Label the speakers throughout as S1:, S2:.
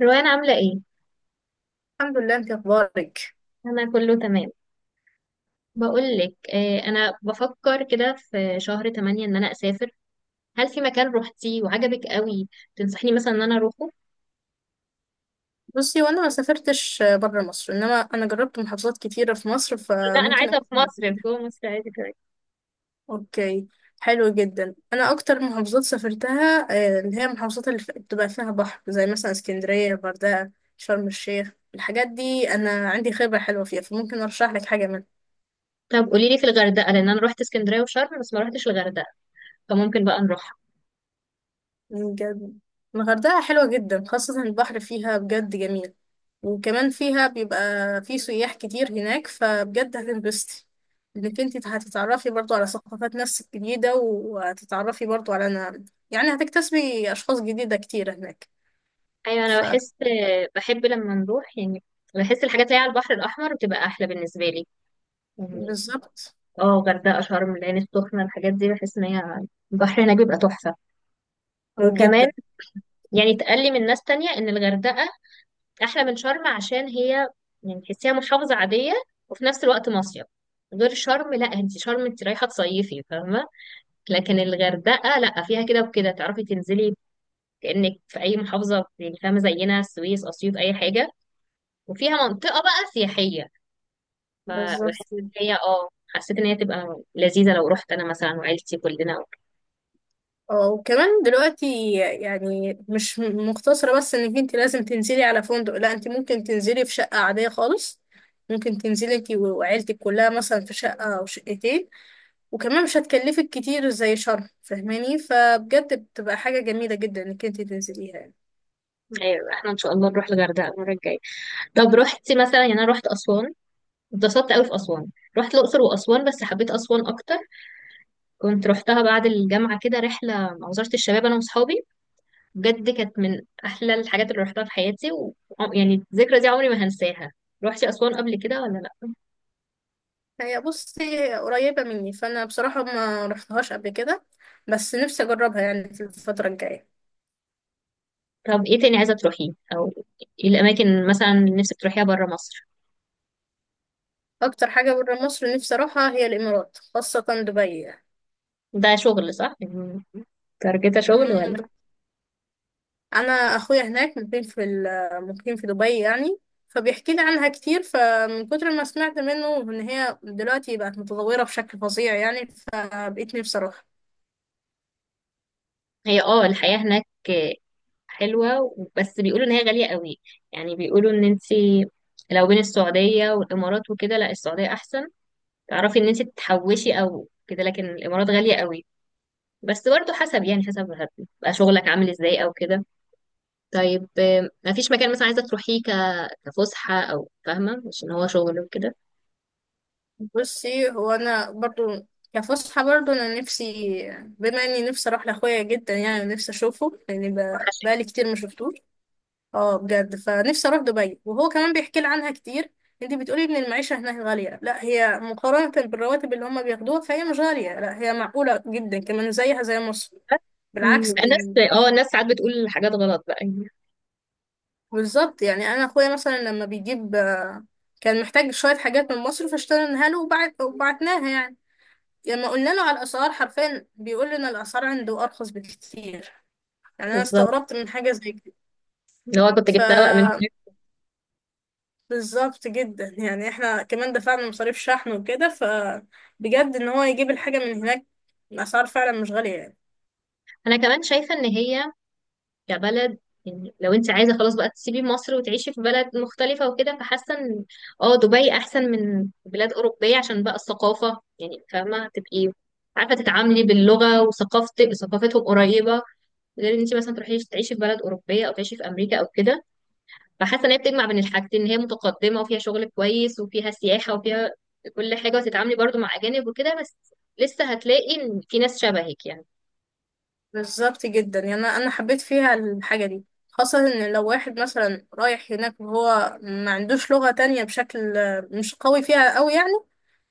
S1: روان عاملة ايه؟
S2: الحمد لله، انت اخبارك؟
S1: أنا كله تمام. بقولك، أنا بفكر كده في شهر تمانية إن أنا أسافر. هل في مكان روحتيه وعجبك قوي، تنصحيني مثلا إن أنا أروحه؟
S2: بصي، وانا ما سافرتش بره مصر، انما انا جربت محافظات كتيره في مصر،
S1: لا، أنا
S2: فممكن
S1: عايزة
S2: اقول
S1: في مصر، في
S2: لك.
S1: جوه مصر عادي كمان.
S2: اوكي، حلو جدا. انا اكتر محافظات سافرتها اللي هي المحافظات بتبقى فيها بحر، زي مثلا اسكندريه، الغردقه، شرم الشيخ. الحاجات دي انا عندي خبره حلوه فيها، فممكن ارشح لك حاجه.
S1: طب قوليلي في الغردقة، لأن أنا روحت اسكندرية وشرم بس ما روحتش الغردقة، فممكن بقى نروحها.
S2: بجد الغردقة حلوة جدا، خاصة البحر فيها بجد جميل. وكمان فيها بيبقى في سياح كتير هناك، فبجد هتنبسطي، انك انت هتتعرفي برضو على ثقافات ناس جديدة، وهتتعرفي برضو على أنا يعني هتكتسبي أشخاص جديدة كتير هناك.
S1: أيوة، أنا بحس، بحب لما نروح يعني، بحس الحاجات اللي هي على البحر الأحمر بتبقى أحلى بالنسبة لي، يعني،
S2: فبالظبط،
S1: اه غردقة، شرم، العين السخنة، الحاجات دي بحس إن هي البحر هناك بيبقى تحفة.
S2: اه
S1: وكمان
S2: جدا.
S1: يعني اتقال لي من ناس تانية ان الغردقة احلى من شرم، عشان هي يعني تحسيها محافظة عادية وفي نفس الوقت مصيف. غير شرم، لا انت شرم انت رايحة تصيفي، فاهمة؟ لكن الغردقة لا، فيها كده وكده، تعرفي تنزلي كأنك في اي محافظة يعني، فاهمة؟ زينا السويس، اسيوط، اي حاجة، وفيها منطقة بقى سياحية.
S2: بالظبط.
S1: فبحس ان هي، حسيت ان هي تبقى لذيذة لو رحت انا مثلا وعيلتي كلنا.
S2: اه وكمان دلوقتي يعني مش مقتصرة بس انك انت لازم تنزلي على فندق، لا، انت ممكن تنزلي في شقة عادية خالص. ممكن تنزلي انت وعيلتك كلها مثلا في شقة او شقتين، وكمان مش هتكلفك كتير زي شرم، فاهماني؟ فبجد بتبقى حاجة جميلة جدا انك انت تنزليها يعني.
S1: ايوه، احنا ان شاء الله نروح الغردقة المرة الجاية. طب رحتي مثلا؟ يعني انا رحت اسوان، اتبسطت قوي في أسوان. رحت الأقصر وأسوان بس حبيت أسوان أكتر. كنت رحتها بعد الجامعة كده، رحلة مع وزارة الشباب، أنا وصحابي. بجد كانت من أحلى الحاجات اللي رحتها في حياتي يعني الذكرى دي عمري ما هنساها. روحتي أسوان قبل كده ولا لأ؟
S2: هي بصي قريبة مني، فانا بصراحة ما رحتهاش قبل كده، بس نفسي اجربها يعني في الفترة الجاية.
S1: طب إيه تاني عايزة تروحيه، أو إيه الأماكن مثلا اللي نفسك تروحيها برا مصر؟
S2: اكتر حاجة برا مصر نفسي اروحها هي الامارات، خاصة دبي.
S1: ده شغل، صح؟ يعني تارجتها شغل ولا؟
S2: يعني. انا اخويا هناك مقيم في دبي يعني، فبيحكي لي عنها كتير، فمن كتر ما سمعت منه ان هي دلوقتي بقت متطوره بشكل فظيع يعني، فبقيت نفسي اروح.
S1: هي الحياة هناك حلوة بس بيقولوا إن هي غالية قوي، يعني بيقولوا إن أنت لو بين السعودية والإمارات وكده، لا السعودية أحسن، تعرفي إن أنت تحوشي أو كده، لكن الإمارات غالية قوي. بس برضه حسب، يعني حسب هتبقى شغلك عامل إزاي أو كده. طيب مفيش مكان مثلا عايزة تروحيه كفسحة، أو فاهمة مش إن هو شغل وكده؟
S2: بصي، هو انا برضو كفسحه برضو انا نفسي، بما اني نفسي اروح لاخويا جدا، يعني نفسي اشوفه، لاني
S1: وحشك.
S2: بقالي كتير ما شفتوش. اه بجد، فنفسي اروح دبي، وهو كمان بيحكي لي عنها كتير. انت بتقولي ان المعيشه هناك غاليه؟ لا، هي مقارنه بالرواتب اللي هم بياخدوها فهي مش غاليه، لا هي معقوله جدا، كمان زيها زي مصر، بالعكس يعني.
S1: الناس، الناس ساعات بتقول حاجات غلط بقى يعني.
S2: بالظبط يعني، انا اخويا مثلا لما بيجيب كان محتاج شويه حاجات من مصر، فاشتريناها له وبعت وبعتناها يعني، لما قلنا له على الاسعار، حرفيا بيقول لنا الاسعار عنده ارخص بكتير. يعني انا
S1: بالظبط،
S2: استغربت من حاجه زي
S1: اللي هو كنت جبتها بقى من
S2: كده.
S1: هناك.
S2: بالظبط جدا يعني، احنا كمان دفعنا مصاريف شحن وكده، فبجد ان هو يجيب الحاجة من هناك، الأسعار فعلا مش غالية يعني.
S1: أنا كمان شايفة إن هي كبلد، يعني لو انت عايزه خلاص بقى تسيبي مصر وتعيشي في بلد مختلفه وكده، فحاسه ان، اه دبي احسن من بلاد اوروبيه، عشان بقى الثقافه يعني، فاهمه؟ تبقي عارفه تتعاملي باللغه، وثقافتك ثقافتهم قريبه. غير ان انت مثلا تروحي تعيشي في بلد اوروبيه، او تعيشي في امريكا او كده. فحاسه ان هي بتجمع بين الحاجتين، ان هي متقدمه وفيها شغل كويس وفيها سياحه وفيها كل حاجه، وتتعاملي برضو مع اجانب وكده، بس لسه هتلاقي ان في ناس شبهك يعني.
S2: بالظبط جدا يعني، أنا حبيت فيها الحاجة دي، خاصة إن لو واحد مثلا رايح هناك وهو ما عندوش لغة تانية بشكل مش قوي فيها أوي يعني،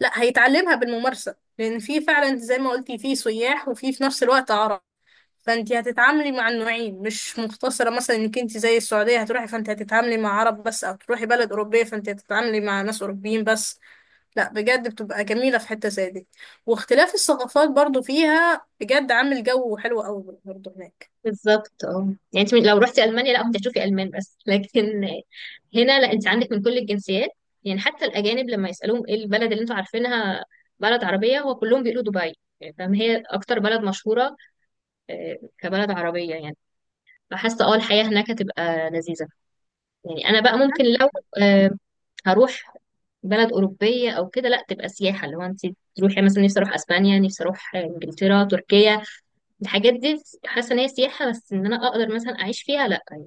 S2: لا هيتعلمها بالممارسة، لأن في فعلا زي ما قلتي في سياح، وفي نفس الوقت عرب، فانت هتتعاملي مع النوعين، مش مقتصرة مثلا انك انت زي السعودية هتروحي فانت هتتعاملي مع عرب بس، او تروحي بلد اوروبية فانت هتتعاملي مع ناس اوروبيين بس. لا بجد بتبقى جميلة في حتة زي دي، واختلاف الثقافات برضو فيها بجد عامل جو حلو قوي برضو هناك.
S1: بالظبط، اه يعني انت لو رحتي المانيا لا كنت هتشوفي المان بس لكن هنا لا، انت عندك من كل الجنسيات. يعني حتى الاجانب لما يسالوهم ايه البلد اللي انتوا عارفينها بلد عربيه، هو كلهم بيقولوا دبي، يعني فاهم هي اكتر بلد مشهوره، كبلد عربيه يعني. فحاسه اه الحياه هناك هتبقى لذيذه. يعني انا بقى ممكن
S2: تمام.
S1: لو، آه، هروح بلد اوروبيه او كده، لا تبقى سياحه، اللي هو انت تروحي مثلا. نفسي اروح اسبانيا، نفسي اروح انجلترا، تركيا. الحاجات دي حاسه ان هي سياحه بس، ان انا اقدر مثلا اعيش فيها، لا يعني.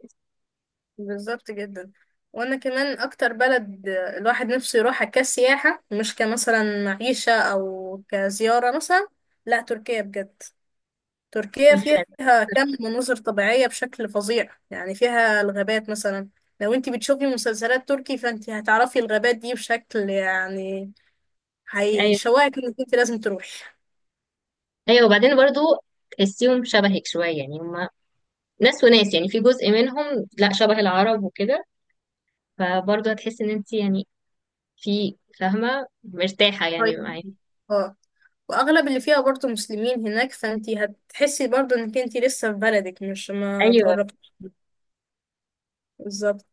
S2: بالظبط جدا. وانا كمان اكتر بلد الواحد نفسه يروحها كسياحة، مش كمثلا معيشة او كزيارة مثلا، لا تركيا بجد. تركيا
S1: اللي أنا،
S2: فيها كم مناظر طبيعية بشكل فظيع يعني، فيها الغابات مثلا، لو انت بتشوفي مسلسلات تركي فانت هتعرفي الغابات دي بشكل يعني
S1: ايوه.
S2: هيشوقك انك انت لازم تروحي.
S1: ايوه، وبعدين برضو تحسيهم شبهك شويه، يعني هم ناس وناس يعني، في جزء منهم لا شبه العرب وكده، فبرضو هتحس ان انت يعني في، فاهمه، مرتاحه يعني
S2: طيب
S1: معايا.
S2: اه، واغلب اللي فيها برضه مسلمين هناك، فانت هتحسي برضه انك انت لسه في بلدك، مش ما
S1: ايوه،
S2: اتغربتيش. بالظبط.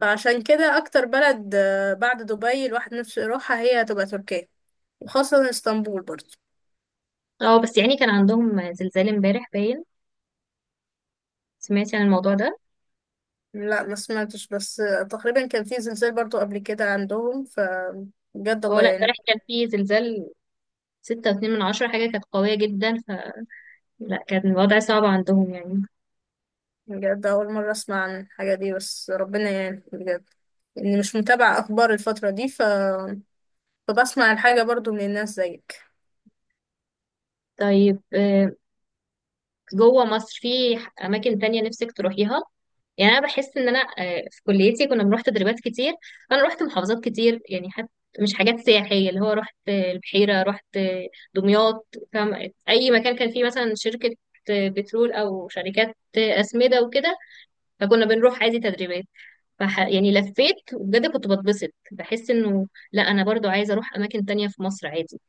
S2: فعشان كده اكتر بلد بعد دبي الواحد نفسه يروحها هي هتبقى تركيا، وخاصة اسطنبول برضه.
S1: اه بس يعني كان عندهم زلزال امبارح باين. سمعتي عن الموضوع ده؟
S2: لا ما سمعتش، بس تقريبا كان في زلزال برضو قبل كده عندهم، فبجد
S1: اه
S2: الله
S1: لا،
S2: يعني.
S1: امبارح كان في زلزال، 6.2 من 10، حاجة كانت قوية جدا، فلا، كان الوضع صعب عندهم يعني.
S2: بجد أول مرة أسمع عن الحاجة دي، بس ربنا يعني بجد، إني مش متابعة أخبار الفترة دي. فبسمع الحاجة برضو من الناس زيك.
S1: طيب جوه مصر في اماكن تانية نفسك تروحيها؟ يعني انا بحس ان انا، في كليتي كنا بنروح تدريبات كتير، فانا رحت محافظات كتير يعني. حتى مش حاجات سياحية، اللي هو رحت البحيرة، رحت دمياط، فاهم؟ اي مكان كان فيه مثلا شركة بترول، او شركات اسمدة وكده، فكنا بنروح عادي تدريبات. يعني لفيت، وبجد كنت بتبسط، بحس انه لا انا برضو عايزة اروح اماكن تانية في مصر عادي.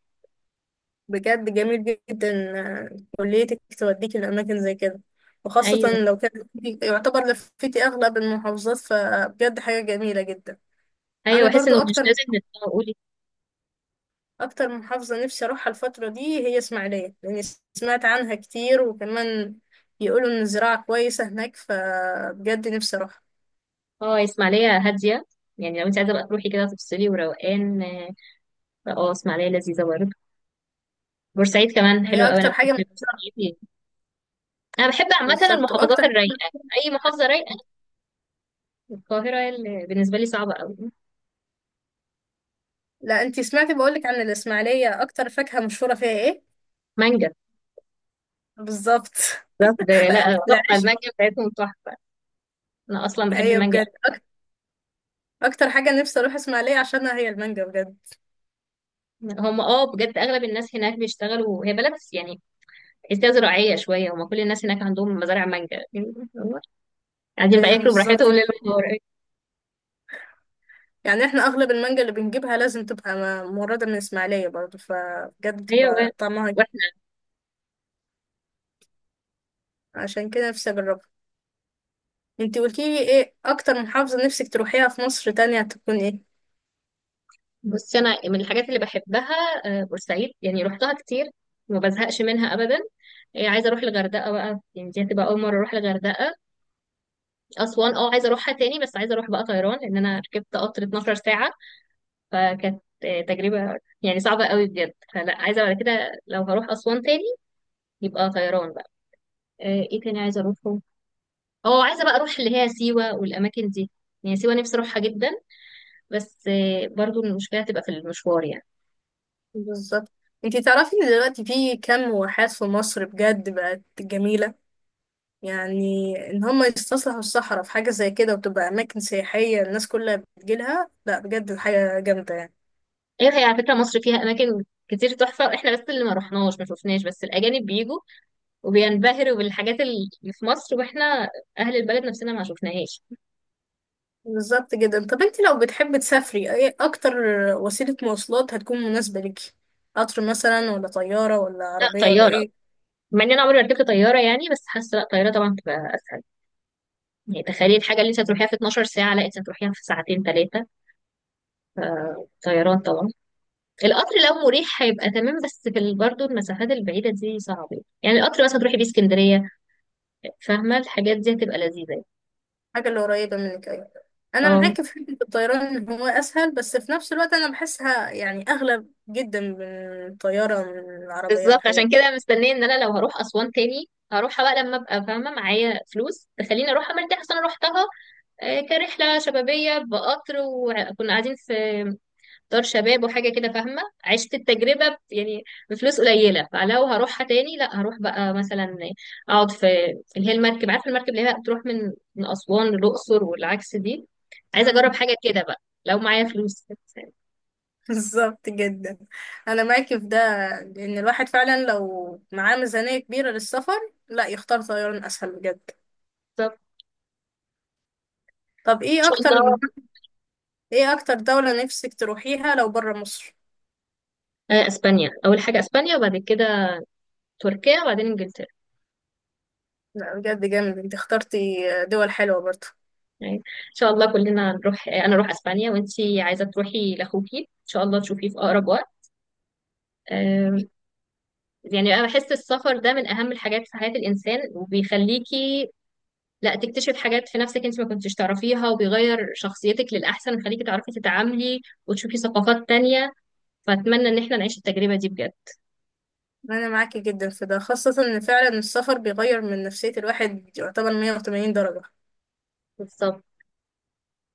S2: بجد جميل جدا كليتك توديك لأماكن زي كده،
S1: ايوه،
S2: وخاصة لو كان يعتبر لفتي أغلب المحافظات، فبجد حاجة جميلة جدا. أنا
S1: ايوه، بحس
S2: برضو
S1: انه مش
S2: أكتر،
S1: لازم نتقول،
S2: اكتر من محافظة نفسي اروحها الفترة دي هي اسماعيلية، لاني سمعت عنها كتير، وكمان يقولوا ان الزراعة كويسة هناك، فبجد نفسي اروحها.
S1: اه اسماعيلية هادية. يعني لو انت عايزة بقى تروحي كده تفصلي وروقان اه، اسماعيلية لذيذة برضه. بورسعيد كمان حلوة
S2: وهي
S1: قوي، انا
S2: اكتر حاجة من...
S1: بحب بورسعيد يعني. انا بحب عامة
S2: بالظبط
S1: المحافظات
S2: واكتر حاجة...
S1: الرايقة، اي محافظة رايقة. القاهرة اللي بالنسبة لي صعبة قوي.
S2: لا انتي سمعتي بقولك عن الاسماعيلية، اكتر فاكهة مشهورة فيها ايه؟
S1: مانجا.
S2: بالظبط.
S1: بالظبط، ده لا تحفة،
S2: العيش.
S1: المانجا بتاعتهم تحفة. انا اصلا بحب
S2: ايوه
S1: المانجا
S2: بجد اكتر حاجة نفسي اروح اسماعيلية عشانها هي المانجا بجد.
S1: أوي. هم اه بجد اغلب الناس هناك بيشتغلوا، هي بلد يعني تحسيها زراعية شوية، هم كل الناس هناك عندهم مزارع مانجا، قاعدين بقى
S2: ايوه
S1: ياكلوا
S2: بالظبط
S1: براحتهم
S2: كده.
S1: ليل ونهار.
S2: يعني احنا اغلب المانجا اللي بنجيبها لازم تبقى مورده من اسماعيليه برضه، فبجد
S1: ايوه،
S2: بتبقى طعمها. عشان كده نفسي اجربها. انتي قلتيلي ايه اكتر محافظة نفسك تروحيها في مصر تانية تكون ايه؟
S1: بصي، انا من الحاجات اللي بحبها بورسعيد، يعني روحتها كتير وما بزهقش منها ابدا. عايزه اروح الغردقه بقى يعني، دي هتبقى اول مره اروح الغردقه. اسوان اه عايزه اروحها تاني، بس عايزه اروح بقى طيران لان انا ركبت قطر 12 ساعه، فكانت تجربه يعني صعبه قوي بجد، فلا عايزه بعد كده لو هروح اسوان تاني يبقى طيران بقى. آه، ايه تاني عايزه اروحه؟ اه عايزه بقى اروح اللي هي سيوه والاماكن دي، يعني سيوه نفسي اروحها جدا، بس برضو المشكله هتبقى في المشوار يعني.
S2: بالظبط. انتي تعرفي ان دلوقتي في كام واحات في مصر بجد بقت جميلة، يعني ان هم يستصلحوا الصحراء في حاجة زي كده وتبقى اماكن سياحية، الناس كلها بتجيلها، لا بجد حاجة جامدة يعني.
S1: ايوه، هي على فكره مصر فيها اماكن كتير تحفه، احنا بس اللي ما رحناش ما شفناش، بس الاجانب بيجوا وبينبهروا بالحاجات اللي في مصر، واحنا اهل البلد نفسنا ما شفناهاش.
S2: بالظبط جدا. طب انتي لو بتحبي تسافري، ايه اكتر وسيلة مواصلات هتكون مناسبة ليكي؟ قطر مثلا، ولا طيارة، ولا
S1: لا
S2: عربية، ولا
S1: طياره.
S2: ايه
S1: مع ان انا عمري ما ركبت طياره يعني، بس حاسه لا طياره طبعا تبقى اسهل، يعني تخيلي الحاجه اللي انت هتروحيها في 12 ساعه لا انت هتروحيها في ساعتين ثلاثه. طيران طبعا. القطر لو مريح هيبقى تمام، بس في برضه المسافات البعيده دي صعبه يعني، القطر مثلا تروحي بيه اسكندريه، فاهمه؟ الحاجات دي هتبقى لذيذه.
S2: حاجة اللي قريبة منك؟ أيوة. أنا
S1: اه
S2: معاك في حتة الطيران إن هو أسهل، بس في نفس الوقت أنا بحسها يعني أغلى جدا من الطيارة، من العربية
S1: بالظبط، عشان
S2: والحاجات
S1: كده مستنيه ان انا لو هروح اسوان تاني، هروحها بقى لما ابقى فاهمه معايا فلوس تخليني اروحها مرتاحه، أصل انا روحتها كرحله شبابيه بقطر، وكنا قاعدين في دار شباب وحاجه كده، فاهمه؟ عشت التجربه يعني بفلوس قليله، فلو هروحها تاني لا هروح بقى مثلا اقعد في اللي هي المركب، عارفه المركب اللي هي بتروح من اسوان للاقصر والعكس دي،
S2: دي.
S1: عايزه
S2: مم.
S1: اجرب حاجه كده بقى لو معايا فلوس بالظبط.
S2: بالظبط جدا، أنا معاك في ده، لأن الواحد فعلا لو معاه ميزانية كبيرة للسفر لا يختار طيران أسهل بجد.
S1: ان
S2: طب إيه
S1: شاء
S2: أكتر
S1: الله،
S2: إيه أكتر دولة نفسك تروحيها لو برا مصر؟
S1: اسبانيا اول حاجه، اسبانيا وبعد كده تركيا، وبعدين انجلترا.
S2: لا بجد جامد أنت اخترتي، دول حلوة برضه.
S1: يعني ان شاء الله كلنا نروح، انا اروح اسبانيا وانتي عايزه تروحي لاخوكي ان شاء الله تشوفيه في اقرب وقت. آم، يعني انا بحس السفر ده من اهم الحاجات في حياه الانسان، وبيخليكي لا تكتشف حاجات في نفسك انت ما كنتش تعرفيها، وبيغير شخصيتك للاحسن، ويخليكي تعرفي تتعاملي وتشوفي ثقافات تانية. فاتمنى ان احنا نعيش التجربه دي بجد.
S2: انا معاكي جدا في ده، خاصة ان فعلا السفر بيغير من نفسية الواحد يعتبر 180 درجة
S1: بالظبط.